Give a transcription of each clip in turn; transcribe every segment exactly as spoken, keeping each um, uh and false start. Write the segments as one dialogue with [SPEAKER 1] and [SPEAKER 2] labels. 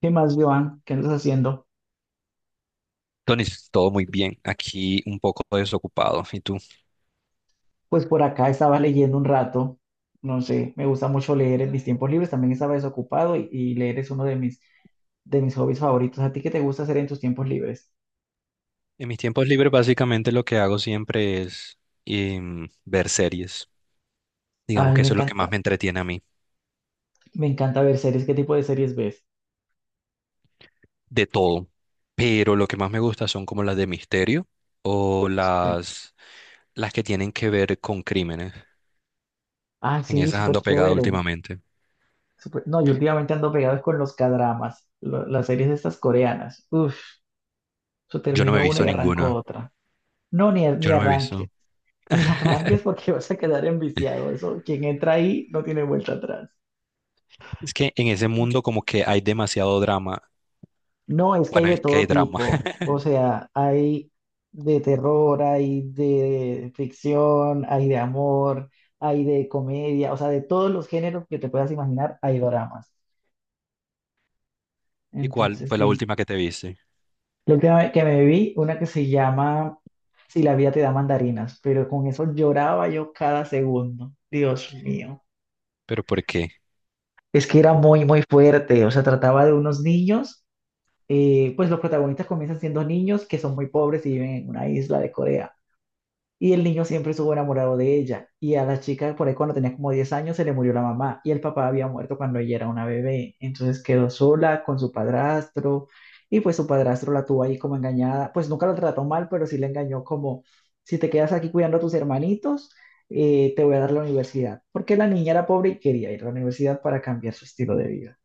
[SPEAKER 1] ¿Qué más, Joan? ¿Qué andas haciendo?
[SPEAKER 2] Tony, todo muy bien. Aquí un poco desocupado. ¿Y tú?
[SPEAKER 1] Pues por acá estaba leyendo un rato, no sé, me gusta mucho leer en mis tiempos libres, también estaba desocupado y, y leer es uno de mis, de mis hobbies favoritos. ¿A ti qué te gusta hacer en tus tiempos libres?
[SPEAKER 2] En mis tiempos libres básicamente lo que hago siempre es em, ver series. Digamos
[SPEAKER 1] Ay,
[SPEAKER 2] que
[SPEAKER 1] me
[SPEAKER 2] eso es lo que más
[SPEAKER 1] encanta,
[SPEAKER 2] me entretiene a mí,
[SPEAKER 1] me encanta ver series. ¿Qué tipo de series ves?
[SPEAKER 2] de todo. Pero lo que más me gusta son como las de misterio o
[SPEAKER 1] Sí.
[SPEAKER 2] las, las que tienen que ver con crímenes.
[SPEAKER 1] Ah,
[SPEAKER 2] En
[SPEAKER 1] sí,
[SPEAKER 2] esas
[SPEAKER 1] súper
[SPEAKER 2] ando pegado
[SPEAKER 1] chévere.
[SPEAKER 2] últimamente.
[SPEAKER 1] súper- No, yo últimamente ando pegado con los cadramas, las series estas coreanas. Uf, yo
[SPEAKER 2] Yo no me he
[SPEAKER 1] termino una
[SPEAKER 2] visto
[SPEAKER 1] y arranco
[SPEAKER 2] ninguna.
[SPEAKER 1] otra. No, ni, ni
[SPEAKER 2] Yo no me he
[SPEAKER 1] arranque.
[SPEAKER 2] visto.
[SPEAKER 1] Me arranques porque vas a quedar enviciado. Eso, quien entra ahí no tiene vuelta atrás.
[SPEAKER 2] Es que en ese mundo como que hay demasiado drama.
[SPEAKER 1] No, es que hay
[SPEAKER 2] Bueno, es
[SPEAKER 1] de
[SPEAKER 2] que
[SPEAKER 1] todo
[SPEAKER 2] hay drama.
[SPEAKER 1] tipo. O sea, hay de terror, hay de ficción, hay de amor, hay de comedia. O sea, de todos los géneros que te puedas imaginar, hay doramas.
[SPEAKER 2] ¿Y cuál
[SPEAKER 1] Entonces,
[SPEAKER 2] fue la
[SPEAKER 1] sí.
[SPEAKER 2] última que te viste?
[SPEAKER 1] La última vez que me vi, una que se llama Si la vida te da mandarinas, pero con eso lloraba yo cada segundo. Dios mío.
[SPEAKER 2] ¿Pero por qué?
[SPEAKER 1] Es que era muy, muy fuerte. O sea, trataba de unos niños, eh, pues los protagonistas comienzan siendo niños que son muy pobres y viven en una isla de Corea. Y el niño siempre estuvo enamorado de ella. Y a la chica, por ahí cuando tenía como diez años, se le murió la mamá. Y el papá había muerto cuando ella era una bebé. Entonces quedó sola con su padrastro. Y pues su padrastro la tuvo ahí como engañada. Pues nunca la trató mal, pero sí le engañó como: si te quedas aquí cuidando a tus hermanitos, eh, te voy a dar la universidad. Porque la niña era pobre y quería ir a la universidad para cambiar su estilo de vida.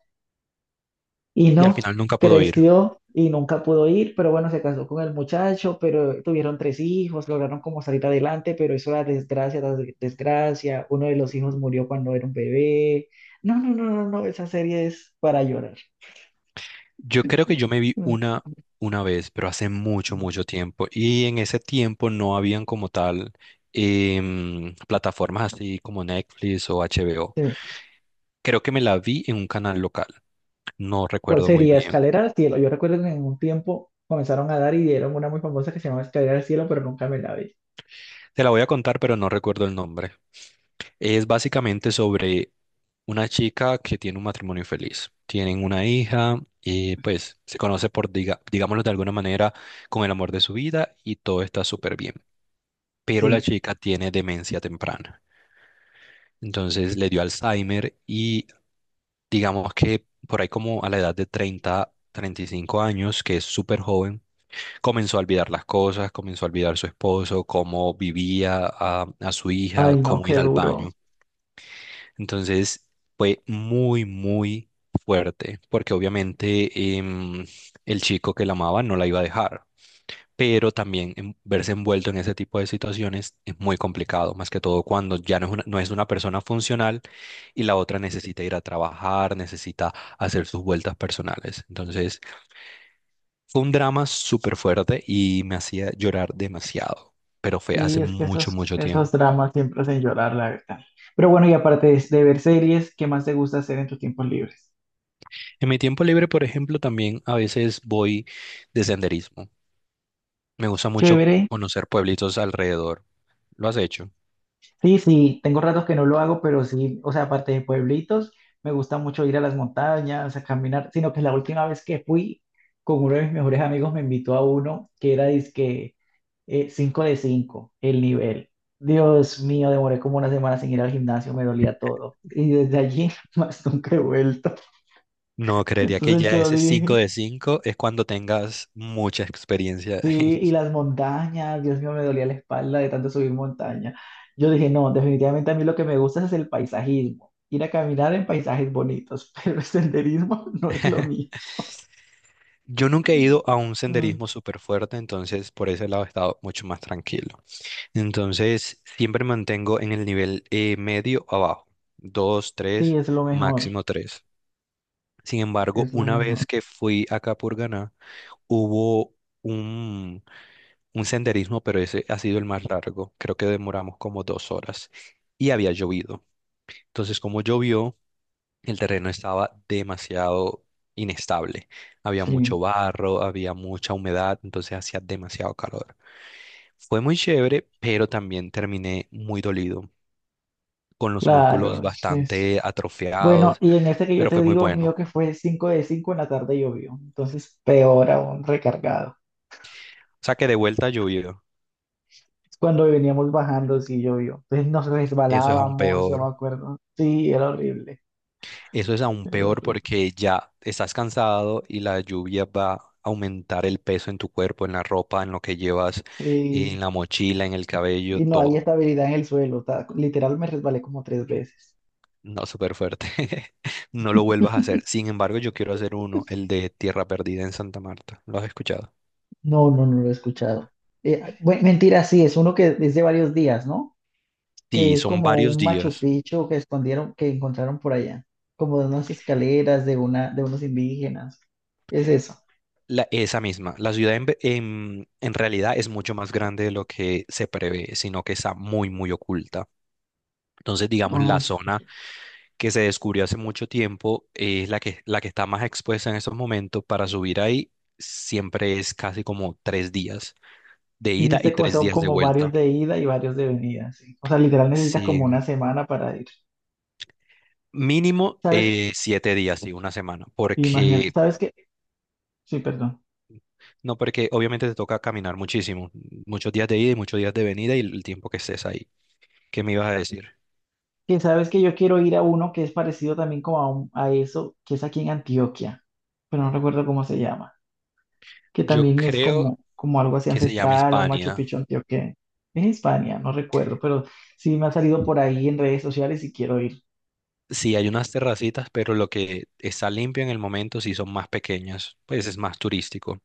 [SPEAKER 1] Y
[SPEAKER 2] Y al
[SPEAKER 1] no,
[SPEAKER 2] final nunca pudo ir.
[SPEAKER 1] creció y nunca pudo ir, pero bueno, se casó con el muchacho, pero tuvieron tres hijos, lograron como salir adelante, pero eso era desgracia, tras desgracia. Uno de los hijos murió cuando era un bebé. No, no, no, no, no, esa serie es para llorar.
[SPEAKER 2] Yo creo que yo me vi
[SPEAKER 1] Mm.
[SPEAKER 2] una, una vez, pero hace mucho, mucho tiempo. Y en ese tiempo no habían como tal em, plataformas así como Netflix o H B O.
[SPEAKER 1] Sí.
[SPEAKER 2] Creo que me la vi en un canal local. No
[SPEAKER 1] ¿Cuál
[SPEAKER 2] recuerdo muy
[SPEAKER 1] sería?
[SPEAKER 2] bien.
[SPEAKER 1] Escalera al cielo. Yo recuerdo que en un tiempo comenzaron a dar y dieron una muy famosa que se llamaba Escalera al cielo, pero nunca me la vi.
[SPEAKER 2] Te la voy a contar, pero no recuerdo el nombre. Es básicamente sobre una chica que tiene un matrimonio feliz. Tienen una hija y pues se conoce por, diga- digámoslo de alguna manera, con el amor de su vida y todo está súper bien. Pero la
[SPEAKER 1] Sí.
[SPEAKER 2] chica tiene demencia temprana. Entonces le dio Alzheimer y digamos que por ahí como a la edad de treinta, treinta y cinco años, que es súper joven. Comenzó a olvidar las cosas, comenzó a olvidar su esposo, cómo vivía a, a su hija,
[SPEAKER 1] Ay, no,
[SPEAKER 2] cómo
[SPEAKER 1] qué
[SPEAKER 2] ir al
[SPEAKER 1] duro.
[SPEAKER 2] baño. Entonces fue muy, muy fuerte, porque obviamente em, el chico que la amaba no la iba a dejar, pero también em, verse envuelto en ese tipo de situaciones es muy complicado, más que todo cuando ya no es una, no es una persona funcional y la otra necesita ir a trabajar, necesita hacer sus vueltas personales. Entonces. Fue un drama súper fuerte y me hacía llorar demasiado, pero fue hace
[SPEAKER 1] Sí, es que
[SPEAKER 2] mucho,
[SPEAKER 1] esos,
[SPEAKER 2] mucho
[SPEAKER 1] esos
[SPEAKER 2] tiempo.
[SPEAKER 1] dramas siempre hacen llorar, la verdad. Pero bueno, y aparte de, de ver series, ¿qué más te gusta hacer en tus tiempos libres?
[SPEAKER 2] En mi tiempo libre, por ejemplo, también a veces voy de senderismo. Me gusta mucho
[SPEAKER 1] Chévere.
[SPEAKER 2] conocer pueblitos alrededor. ¿Lo has hecho?
[SPEAKER 1] Sí, sí, tengo ratos que no lo hago, pero sí, o sea, aparte de pueblitos, me gusta mucho ir a las montañas, a caminar, sino que la última vez que fui, con uno de mis mejores amigos me invitó a uno que era dizque, eh, cinco de cinco, el nivel. Dios mío, demoré como una semana sin ir al gimnasio, me dolía todo. Y desde allí más nunca he vuelto.
[SPEAKER 2] No, creería que
[SPEAKER 1] Entonces
[SPEAKER 2] ya
[SPEAKER 1] yo
[SPEAKER 2] ese cinco
[SPEAKER 1] dije...
[SPEAKER 2] de cinco es cuando tengas mucha experiencia.
[SPEAKER 1] Sí, y las montañas, Dios mío, me dolía la espalda de tanto subir montaña. Yo dije, no, definitivamente a mí lo que me gusta es el paisajismo, ir a caminar en paisajes bonitos, pero el senderismo no es lo mío.
[SPEAKER 2] Yo nunca he ido a un
[SPEAKER 1] Mm,
[SPEAKER 2] senderismo súper fuerte, entonces por ese lado he estado mucho más tranquilo. Entonces, siempre mantengo en el nivel eh, medio abajo, dos,
[SPEAKER 1] sí,
[SPEAKER 2] tres,
[SPEAKER 1] es lo mejor,
[SPEAKER 2] máximo tres. Sin embargo,
[SPEAKER 1] es lo
[SPEAKER 2] una vez
[SPEAKER 1] mejor.
[SPEAKER 2] que fui acá por Ganá, hubo un, un senderismo, pero ese ha sido el más largo. Creo que demoramos como dos horas y había llovido. Entonces, como llovió, el terreno estaba demasiado inestable. Había mucho
[SPEAKER 1] Sí,
[SPEAKER 2] barro, había mucha humedad, entonces hacía demasiado calor. Fue muy chévere, pero también terminé muy dolido, con los músculos
[SPEAKER 1] claro, es que sí.
[SPEAKER 2] bastante
[SPEAKER 1] Bueno,
[SPEAKER 2] atrofiados,
[SPEAKER 1] y en este que yo
[SPEAKER 2] pero fue
[SPEAKER 1] te
[SPEAKER 2] muy
[SPEAKER 1] digo,
[SPEAKER 2] bueno.
[SPEAKER 1] mío que fue cinco de cinco, en la tarde llovió, entonces peor aún, recargado.
[SPEAKER 2] O sea que de vuelta llovió.
[SPEAKER 1] Cuando veníamos bajando, sí llovió, entonces nos
[SPEAKER 2] Eso es aún
[SPEAKER 1] resbalábamos, yo me
[SPEAKER 2] peor.
[SPEAKER 1] acuerdo. Sí, era horrible,
[SPEAKER 2] Eso es aún
[SPEAKER 1] era
[SPEAKER 2] peor
[SPEAKER 1] horrible.
[SPEAKER 2] porque ya estás cansado y la lluvia va a aumentar el peso en tu cuerpo, en la ropa, en lo que llevas,
[SPEAKER 1] Y,
[SPEAKER 2] en la mochila, en el cabello,
[SPEAKER 1] y no hay
[SPEAKER 2] todo.
[SPEAKER 1] estabilidad en el suelo. Está- literal me resbalé como tres veces.
[SPEAKER 2] No, súper fuerte. No lo vuelvas a hacer. Sin embargo, yo quiero hacer uno, el de Tierra Perdida en Santa Marta. ¿Lo has escuchado?
[SPEAKER 1] No, no, no lo he escuchado. Eh, ah, bue- mentira, sí, es uno que es de varios días, ¿no? Que
[SPEAKER 2] Sí,
[SPEAKER 1] es
[SPEAKER 2] son
[SPEAKER 1] como
[SPEAKER 2] varios
[SPEAKER 1] un Machu
[SPEAKER 2] días.
[SPEAKER 1] Picchu que escondieron, que encontraron por allá, como de unas escaleras de una, de unos indígenas. Es eso.
[SPEAKER 2] La, esa misma, la ciudad en, ve- en, en realidad es mucho más grande de lo que se prevé, sino que está muy, muy oculta. Entonces, digamos,
[SPEAKER 1] Ah,
[SPEAKER 2] la
[SPEAKER 1] es-
[SPEAKER 2] zona que se descubrió hace mucho tiempo es la que, la que está más expuesta en estos momentos. Para subir ahí siempre es casi como tres días de
[SPEAKER 1] sí,
[SPEAKER 2] ida y
[SPEAKER 1] dice que
[SPEAKER 2] tres
[SPEAKER 1] son
[SPEAKER 2] días de
[SPEAKER 1] como varios
[SPEAKER 2] vuelta.
[SPEAKER 1] de ida y varios de venida, sí. O sea, literal necesitas como
[SPEAKER 2] Sí,
[SPEAKER 1] una semana para ir.
[SPEAKER 2] mínimo
[SPEAKER 1] ¿Sabes?
[SPEAKER 2] eh, siete días, sí, una semana,
[SPEAKER 1] Imagínate,
[SPEAKER 2] porque.
[SPEAKER 1] ¿sabes qué? Sí, perdón.
[SPEAKER 2] No, porque obviamente te toca caminar muchísimo, muchos días de ida y muchos días de venida y el tiempo que estés ahí. ¿Qué me ibas a decir?
[SPEAKER 1] Que sabes que yo quiero ir a uno que es parecido también como a, un- a eso, que es aquí en Antioquia, pero no recuerdo cómo se llama, que
[SPEAKER 2] Yo
[SPEAKER 1] también es
[SPEAKER 2] creo
[SPEAKER 1] como, como algo así
[SPEAKER 2] que se llama
[SPEAKER 1] ancestral o Machu
[SPEAKER 2] Hispania.
[SPEAKER 1] Picchu antioqueño. Es España, no recuerdo, pero sí me ha salido por ahí en redes sociales y quiero ir.
[SPEAKER 2] Sí, hay unas terracitas, pero lo que está limpio en el momento sí son más pequeñas, pues es más turístico.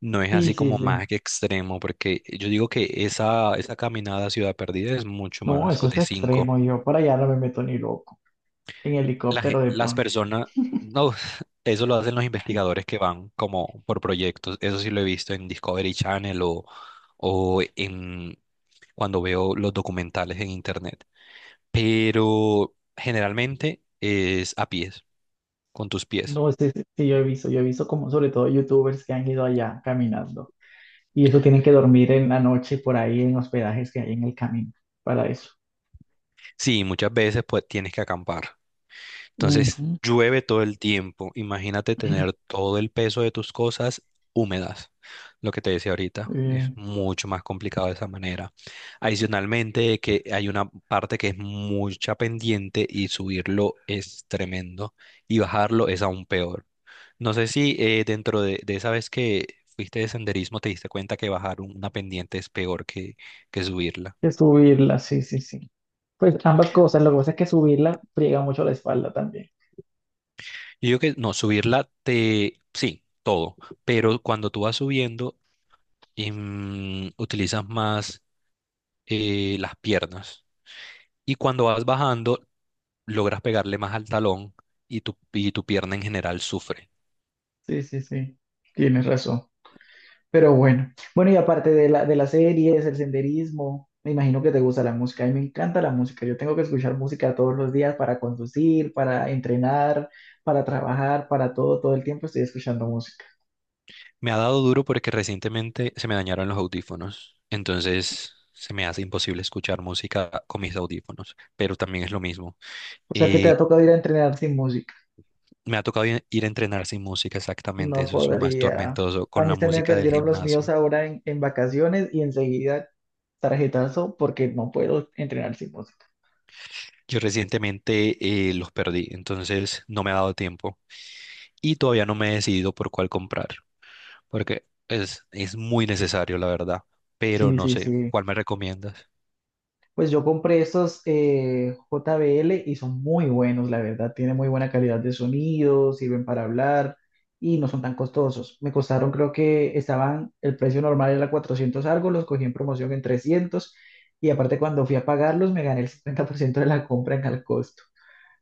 [SPEAKER 2] No es
[SPEAKER 1] Sí,
[SPEAKER 2] así
[SPEAKER 1] sí,
[SPEAKER 2] como
[SPEAKER 1] sí.
[SPEAKER 2] más que extremo, porque yo digo que esa, esa caminada a Ciudad Perdida es mucho
[SPEAKER 1] No,
[SPEAKER 2] más
[SPEAKER 1] eso
[SPEAKER 2] co-
[SPEAKER 1] es
[SPEAKER 2] de cinco.
[SPEAKER 1] extremo, yo para allá no me meto ni loco, en
[SPEAKER 2] La ge-
[SPEAKER 1] helicóptero de
[SPEAKER 2] las
[SPEAKER 1] pronto.
[SPEAKER 2] personas, no, eso lo hacen los investigadores que van como por proyectos. Eso sí lo he visto en Discovery Channel o, o en cuando veo los documentales en internet. Pero generalmente es a pies, con tus pies.
[SPEAKER 1] No sé, sí, sí, sí, yo he visto, yo he visto como sobre todo youtubers que han ido allá caminando y eso tienen que dormir en la noche por ahí en hospedajes que hay en el camino para eso.
[SPEAKER 2] Sí, muchas veces pues tienes que acampar. Entonces
[SPEAKER 1] Ujú.
[SPEAKER 2] llueve todo el tiempo. Imagínate tener todo el peso de tus cosas húmedas. Lo que te decía ahorita es
[SPEAKER 1] Eh,
[SPEAKER 2] mucho más complicado de esa manera. Adicionalmente, que hay una parte que es mucha pendiente y subirlo es tremendo y bajarlo es aún peor. No sé si eh, dentro de, de esa vez que fuiste de senderismo te diste cuenta que bajar un- una pendiente es peor que, que subirla.
[SPEAKER 1] que subirla, sí, sí, sí. Pues ambas cosas, lo que pasa es que subirla friega mucho la espalda también.
[SPEAKER 2] Yo digo que no, subirla te. Sí, todo, pero cuando tú vas subiendo em, utilizas más eh, las piernas y cuando vas bajando logras pegarle más al talón y tu, y tu pierna en general sufre.
[SPEAKER 1] Sí, sí, sí, tienes razón. Pero bueno, bueno, y aparte de la, de las series, el senderismo, me imagino que te gusta la música. A mí me encanta la música. Yo tengo que escuchar música todos los días para conducir, para entrenar, para trabajar, para todo, todo el tiempo estoy escuchando música.
[SPEAKER 2] Me ha dado duro porque recientemente se me dañaron los audífonos, entonces se me hace imposible escuchar música con mis audífonos pero también es lo mismo.
[SPEAKER 1] O sea, que te ha
[SPEAKER 2] Y
[SPEAKER 1] tocado ir a entrenar sin música.
[SPEAKER 2] me ha tocado ir ir a entrenar sin música, exactamente.
[SPEAKER 1] No
[SPEAKER 2] Eso es lo más
[SPEAKER 1] podría.
[SPEAKER 2] tormentoso
[SPEAKER 1] A
[SPEAKER 2] con
[SPEAKER 1] mí
[SPEAKER 2] la
[SPEAKER 1] se me
[SPEAKER 2] música del
[SPEAKER 1] perdieron los míos
[SPEAKER 2] gimnasio.
[SPEAKER 1] ahora en, en vacaciones y enseguida tarjetazo porque no puedo entrenar sin música.
[SPEAKER 2] Yo recientemente eh, los perdí, entonces no me ha dado tiempo y todavía no me he decidido por cuál comprar, porque es, es muy necesario, la verdad. Pero
[SPEAKER 1] Sí,
[SPEAKER 2] no
[SPEAKER 1] sí,
[SPEAKER 2] sé,
[SPEAKER 1] sí.
[SPEAKER 2] ¿cuál me recomiendas?
[SPEAKER 1] Pues yo compré estos, eh, J B L y son muy buenos, la verdad. Tienen muy buena calidad de sonido, sirven para hablar y no son tan costosos. Me costaron, creo que estaban, el precio normal era cuatrocientos algo, los cogí en promoción en trescientos, y aparte cuando fui a pagarlos me gané el cincuenta por ciento de la compra en al costo.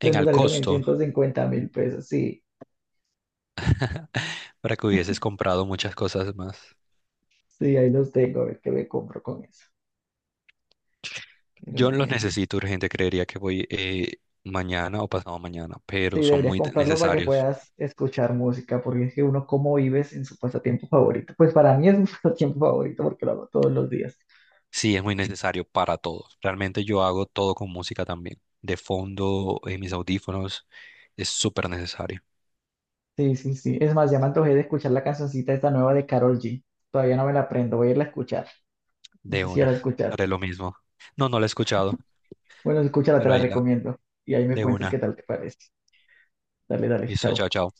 [SPEAKER 2] En
[SPEAKER 1] me
[SPEAKER 2] al
[SPEAKER 1] salieron en
[SPEAKER 2] costo,
[SPEAKER 1] ciento cincuenta mil pesos. Sí,
[SPEAKER 2] para que hubieses comprado muchas cosas más.
[SPEAKER 1] sí, ahí los tengo. A ver qué me compro con eso. Pero
[SPEAKER 2] Yo los
[SPEAKER 1] bueno.
[SPEAKER 2] necesito urgente, creería que voy eh, mañana o pasado mañana,
[SPEAKER 1] Sí,
[SPEAKER 2] pero son
[SPEAKER 1] deberías
[SPEAKER 2] muy
[SPEAKER 1] comprarlo para que
[SPEAKER 2] necesarios.
[SPEAKER 1] puedas escuchar música, porque es que uno cómo vives en su pasatiempo favorito. Pues para mí es mi pasatiempo favorito porque lo hago todos los días.
[SPEAKER 2] Sí, es muy necesario para todos. Realmente yo hago todo con música también. De fondo, en mis audífonos, es súper necesario.
[SPEAKER 1] Sí, sí, sí. Es más, ya me antojé de escuchar la cancioncita esta nueva de Karol G. Todavía no me la aprendo, voy a irla a escuchar. No
[SPEAKER 2] De
[SPEAKER 1] sé si ya
[SPEAKER 2] una.
[SPEAKER 1] la escuchar.
[SPEAKER 2] Haré lo mismo. No, no la he escuchado,
[SPEAKER 1] Bueno, escúchala, te
[SPEAKER 2] pero
[SPEAKER 1] la
[SPEAKER 2] ahí la,
[SPEAKER 1] recomiendo. Y ahí me
[SPEAKER 2] de
[SPEAKER 1] cuentas qué
[SPEAKER 2] una.
[SPEAKER 1] tal te parece. Dale, dale,
[SPEAKER 2] Listo,
[SPEAKER 1] chao.
[SPEAKER 2] chao, chao.